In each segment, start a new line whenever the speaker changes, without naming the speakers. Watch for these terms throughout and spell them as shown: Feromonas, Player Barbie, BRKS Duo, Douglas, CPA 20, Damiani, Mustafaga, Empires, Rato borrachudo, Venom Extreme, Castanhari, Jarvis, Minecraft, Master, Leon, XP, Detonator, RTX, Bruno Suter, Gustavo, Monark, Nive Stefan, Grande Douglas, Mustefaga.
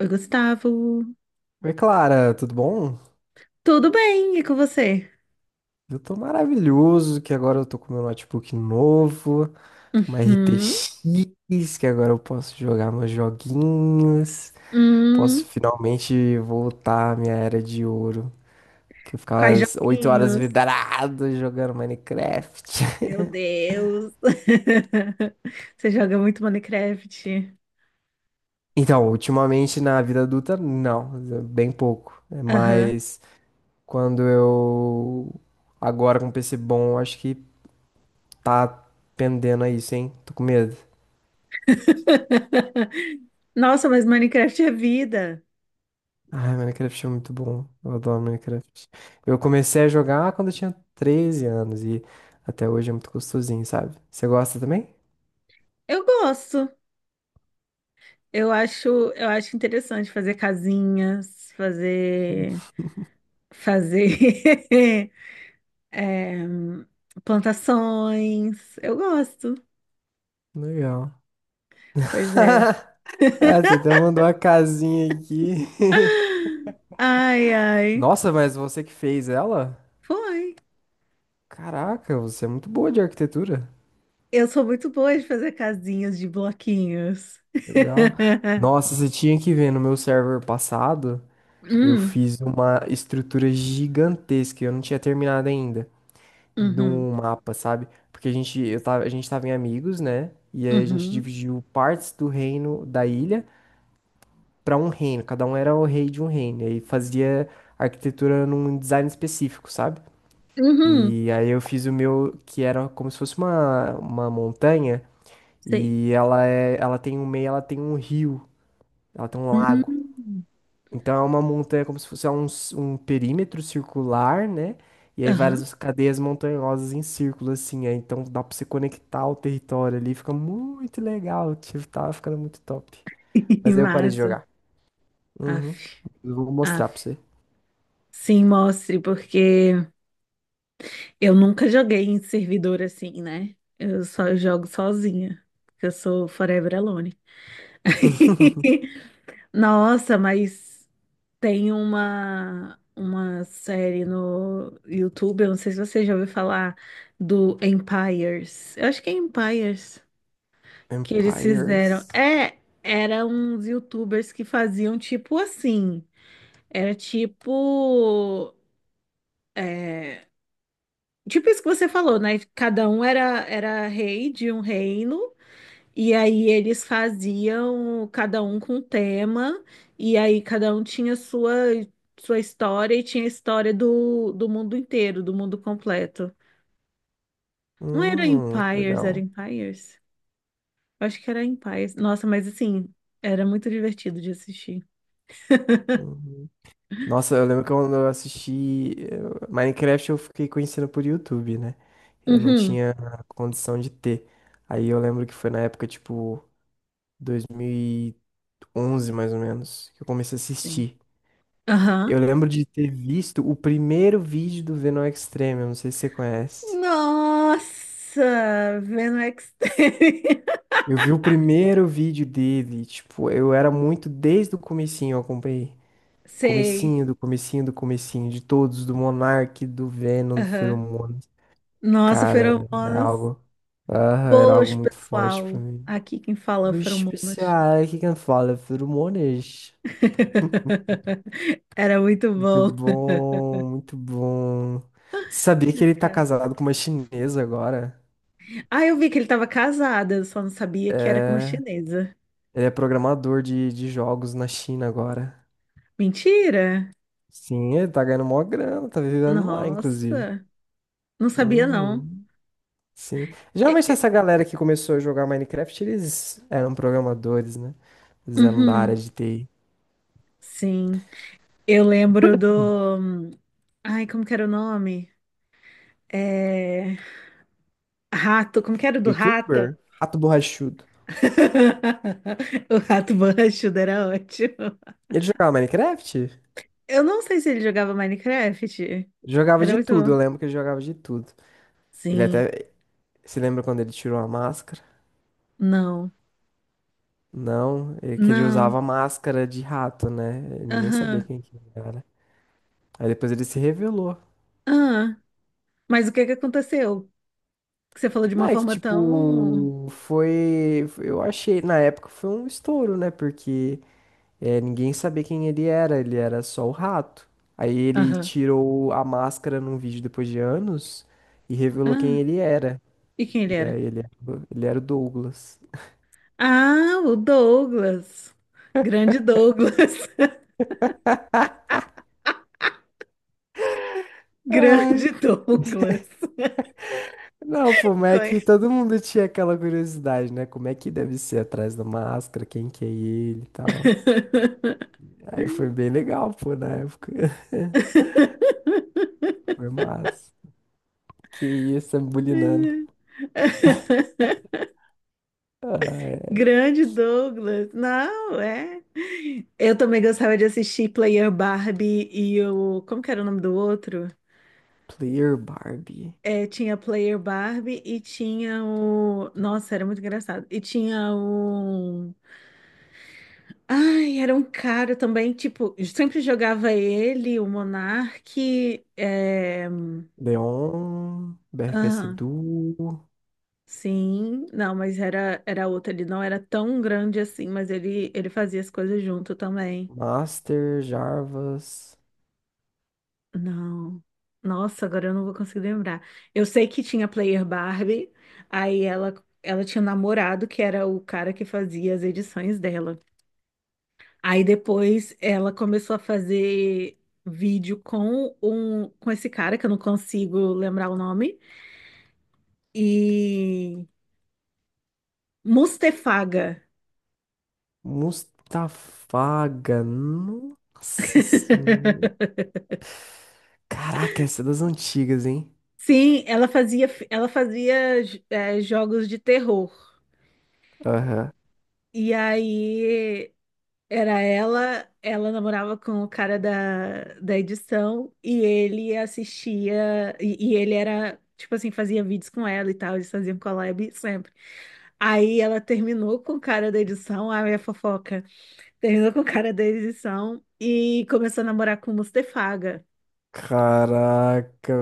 Oi, Gustavo.
Oi, Clara, tudo bom?
Tudo bem? E com você?
Eu tô maravilhoso, que agora eu tô com meu notebook novo, uma
Uhum.
RTX, que agora eu posso jogar meus joguinhos, posso
Hum.
finalmente voltar à minha era de ouro, que eu
Quais
ficava às 8 horas
joguinhos?
vidrado jogando Minecraft.
Meu Deus. Você joga muito Minecraft.
Então, ultimamente na vida adulta, não, bem pouco, né?
Aham.
Mas quando eu agora com um PC bom, acho que tá pendendo a isso, hein? Tô com medo.
Nossa, mas Minecraft é vida.
Ai, Minecraft é muito bom. Eu adoro Minecraft. Eu comecei a jogar quando eu tinha 13 anos e até hoje é muito gostosinho, sabe? Você gosta também?
Eu gosto. Eu acho, eu acho interessante fazer casinhas, fazer, fazer é, plantações. Eu gosto.
Legal.
Pois é.
Ah, você até mandou uma casinha aqui.
Ai, ai.
Nossa, mas você que fez ela?
Foi.
Caraca, você é muito boa de arquitetura.
Eu sou muito boa de fazer casinhas de bloquinhos.
Legal. Nossa, você tinha que ver no meu server passado, eu
Hum,
fiz uma estrutura gigantesca, e eu não tinha terminado ainda. De
uhum,
um mapa, sabe? Porque a gente, eu tava, a gente tava em amigos, né? E aí a gente
uhum,
dividiu partes do reino da ilha para um reino. Cada um era o rei de um reino. E aí fazia arquitetura num design específico, sabe?
uhum,
E aí eu fiz o meu, que era como se fosse uma montanha.
sei.
E ela é, ela tem um meio, ela tem um rio, ela tem um lago.
Hum,
Então é uma montanha como se fosse é um, um perímetro circular, né? E aí
aham.
várias cadeias montanhosas em círculo, assim. Aí, então dá pra você conectar o território ali. Fica muito legal. Tipo, tava ficando muito top. Mas aí eu parei de
Massa.
jogar. Uhum.
Aff,
Eu vou mostrar pra
aff.
você.
Sim, mostre, porque eu nunca joguei em servidor assim, né? Eu só jogo sozinha, porque eu sou forever alone. Nossa, mas tem uma série no YouTube, eu não sei se você já ouviu falar do Empires. Eu acho que é Empires que eles fizeram.
Empires.
É, eram uns YouTubers que faziam tipo assim. Era tipo. é, tipo isso que você falou, né? Cada um era rei de um reino. E aí eles faziam cada um com um tema, e aí cada um tinha sua história e tinha a história do mundo inteiro, do mundo completo. Não era Empires, era
Legal.
Empires? Eu acho que era Empires. Nossa, mas assim, era muito divertido de assistir.
Uhum. Nossa, eu lembro que quando eu assisti Minecraft, eu fiquei conhecendo por YouTube, né? Eu não
Uhum.
tinha condição de ter. Aí eu lembro que foi na época, tipo, 2011, mais ou menos, que eu comecei a
Sim.
assistir.
Aham.
Eu lembro de ter visto o primeiro vídeo do Venom Extreme, eu não sei se você conhece.
Nossa, vendo Extreme.
Eu vi o primeiro vídeo dele, tipo, eu era muito desde o comecinho, eu acompanhei.
Sei.
Comecinho do comecinho do comecinho, de todos, do Monark, do Venom, do
Aham.
Feromonas.
Nossa,
Cara, era
feromonas.
algo. Aham, era algo
Boas,
muito forte pra
pessoal.
mim.
Aqui quem fala é o
Bicho
Feromonas.
especial, o que que eu falo? Feromonas.
Era muito
Muito
bom.
bom, muito bom. Sabia que ele tá
Chocada.
casado com uma chinesa agora?
Ah, eu vi que ele estava casado, eu só não sabia que era com uma chinesa.
Ele é programador de jogos na China agora.
Mentira!
Sim, ele tá ganhando mó grana, tá vivendo lá, inclusive.
Nossa, não sabia não.
Uhum, sim.
E-
Geralmente
e-
essa galera que começou a jogar Minecraft, eles eram programadores, né? Eles eram da área
Uhum,
de TI.
sim. Eu lembro do. Ai, como que era o nome? É... Rato, como que era o do rato?
YouTuber? Rato borrachudo.
O rato borrachudo era ótimo.
Ele jogava Minecraft?
Eu não sei se ele jogava Minecraft.
Jogava
Era
de
muito
tudo,
bom.
eu lembro que ele jogava de tudo. Ele
Sim,
até. Você lembra quando ele tirou a máscara?
não,
Não, ele, que ele
não,
usava máscara de rato, né? Ninguém sabia
aham,
quem que era, né? Aí depois ele se revelou.
aham. Mas o que que aconteceu? Que você falou de
Não,
uma
é que
forma tão.
tipo, foi. Eu achei, na época foi um estouro, né? Porque é, ninguém sabia quem ele era só o rato. Aí ele
Aham,
tirou a máscara num vídeo depois de anos e revelou
ah.
quem ele era.
E quem ele
E aí
era?
ele era o Douglas.
Ah, o Douglas. Grande Douglas.
Ai,
Grande Douglas.
não, pô, mas é que
Conhe-
todo mundo tinha aquela curiosidade, né? Como é que deve ser atrás da máscara, quem que é ele e tal. Aí foi bem legal, pô, na época. Foi massa. Que isso, tá me bulinando. Ai,
Grande Douglas. Não, é. Eu também gostava de assistir Player Barbie e o. Como que era o nome do outro?
Player Barbie.
É, tinha Player Barbie e tinha o. Nossa, era muito engraçado. E tinha o. Ai, era um cara também, tipo, sempre jogava ele, o Monark. É...
Leon, BRKS
aham,
Duo,
sim, não, mas era outro, ele não era tão grande assim, mas ele fazia as coisas junto também.
Master, Jarvis,
Não. Nossa, agora eu não vou conseguir lembrar. Eu sei que tinha Player Barbie, aí ela, ela tinha um namorado que era o cara que fazia as edições dela. Aí depois ela começou a fazer vídeo com um com esse cara que eu não consigo lembrar o nome e Mustefaga.
Mustafaga. Nossa senhora. Caraca, essa é das antigas, hein?
Sim, ela fazia jogos de terror.
Aham.
E aí era ela namorava com o cara da edição e ele assistia, e ele era, tipo assim, fazia vídeos com ela e tal, eles faziam collab sempre. Aí ela terminou com o cara da edição, a minha fofoca, terminou com o cara da edição e começou a namorar com o Mustefaga.
Caraca,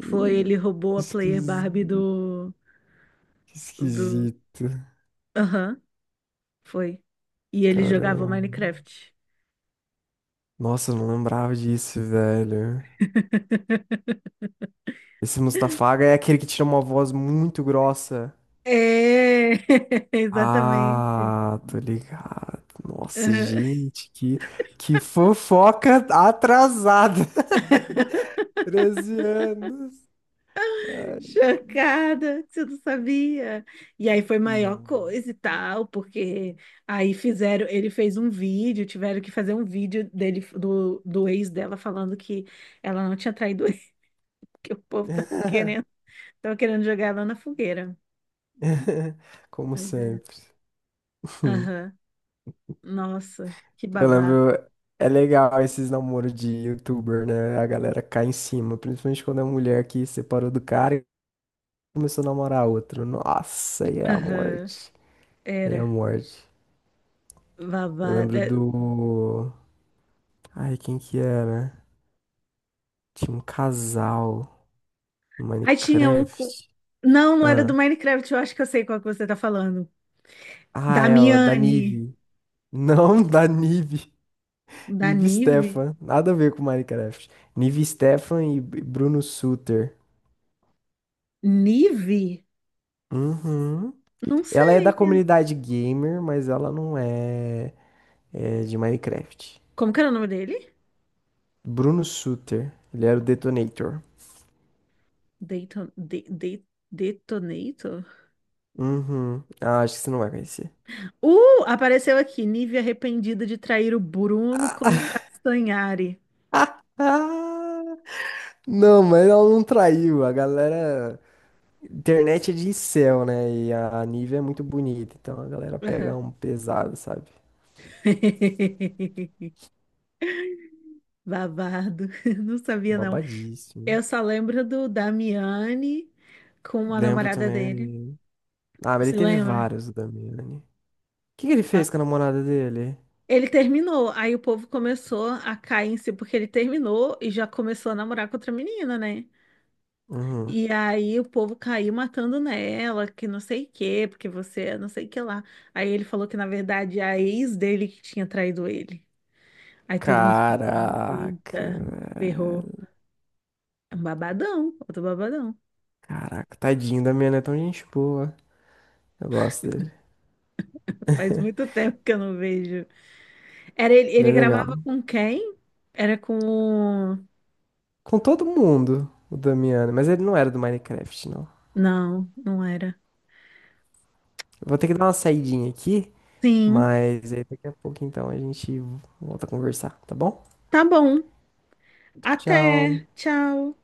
Foi, ele roubou a Player
Esquis-
Barbie do,
que
do...
esquisito.
Aham, foi. E ele jogava
Caramba.
Minecraft.
Nossa, eu não lembrava disso, velho. Esse Mustafaga é aquele que tira uma voz muito grossa.
É, exatamente.
Ah, tô ligado. Nossa,
Aham.
gente, que fofoca atrasada. 13 anos. Ai,
Chocada, que você não sabia. E aí foi maior
não.
coisa e tal, porque aí fizeram, ele fez um vídeo, tiveram que fazer um vídeo dele do ex dela falando que ela não tinha traído ele, que o povo tava querendo jogar ela na fogueira.
Como
Pois é.
sempre.
Aham. Nossa, que
Eu
babado.
lembro, é legal esses namoros de youtuber, né? A galera cai em cima, principalmente quando é mulher que separou do cara e começou a namorar outro. Nossa, aí é a
Aham.
morte. É a
Era
morte. Eu
babado.
lembro
É.
do. Ai, quem que era? Tinha um casal no
Aí tinha um co-
Minecraft.
Não, não era do
Ah,
Minecraft, eu acho que eu sei qual que você tá falando.
ah
Da
é, ó, da
Miane,
Nive. Não, da Nive.
da
Nive
Nive.
Stefan. Nada a ver com Minecraft. Nive Stefan e Bruno Suter.
Nive?
Uhum.
Não
Ela é da
sei.
comunidade gamer, mas ela não é, é de Minecraft.
Como que era o nome dele?
Bruno Sutter ele era o Detonator.
Dayton, Detonator?
Uhum. Ah, acho que você não vai conhecer.
Apareceu aqui. Nive arrependida de trair o Bruno com o Castanhari.
Não, mas ela não traiu. A galera. Internet é de incel, né? E a Nivea é muito bonita. Então a galera pega
Aham.
um pesado, sabe?
Babado. Não sabia, não.
Babadíssimo.
Eu só lembro do Damiani com a
Lembro
namorada dele.
também. Ah, mas ele
Você
teve
lembra?
vários, o Damiani. O que que ele
Hã?
fez com a namorada dele?
Ele terminou, aí o povo começou a cair em si, porque ele terminou e já começou a namorar com outra menina, né?
Uhum.
E aí o povo caiu matando nela, que não sei o quê, porque você é não sei o que lá. Aí ele falou que, na verdade, a ex dele que tinha traído ele. Aí todo mundo ficou assim,
Caraca,
eita, ferrou.
velho.
É um babadão, outro babadão.
Caraca, tadinho, o Damiano é tão gente boa. Eu gosto dele.
Faz muito tempo que eu não vejo. Era ele,
Ele
ele
é legal.
gravava com quem? Era com...
Com todo mundo, o Damiano, mas ele não era do Minecraft, não.
Não, não era.
Eu vou ter que dar uma saidinha aqui,
Sim,
mas aí daqui a pouco então a gente volta a conversar, tá bom?
tá bom.
Tchau.
Até, tchau.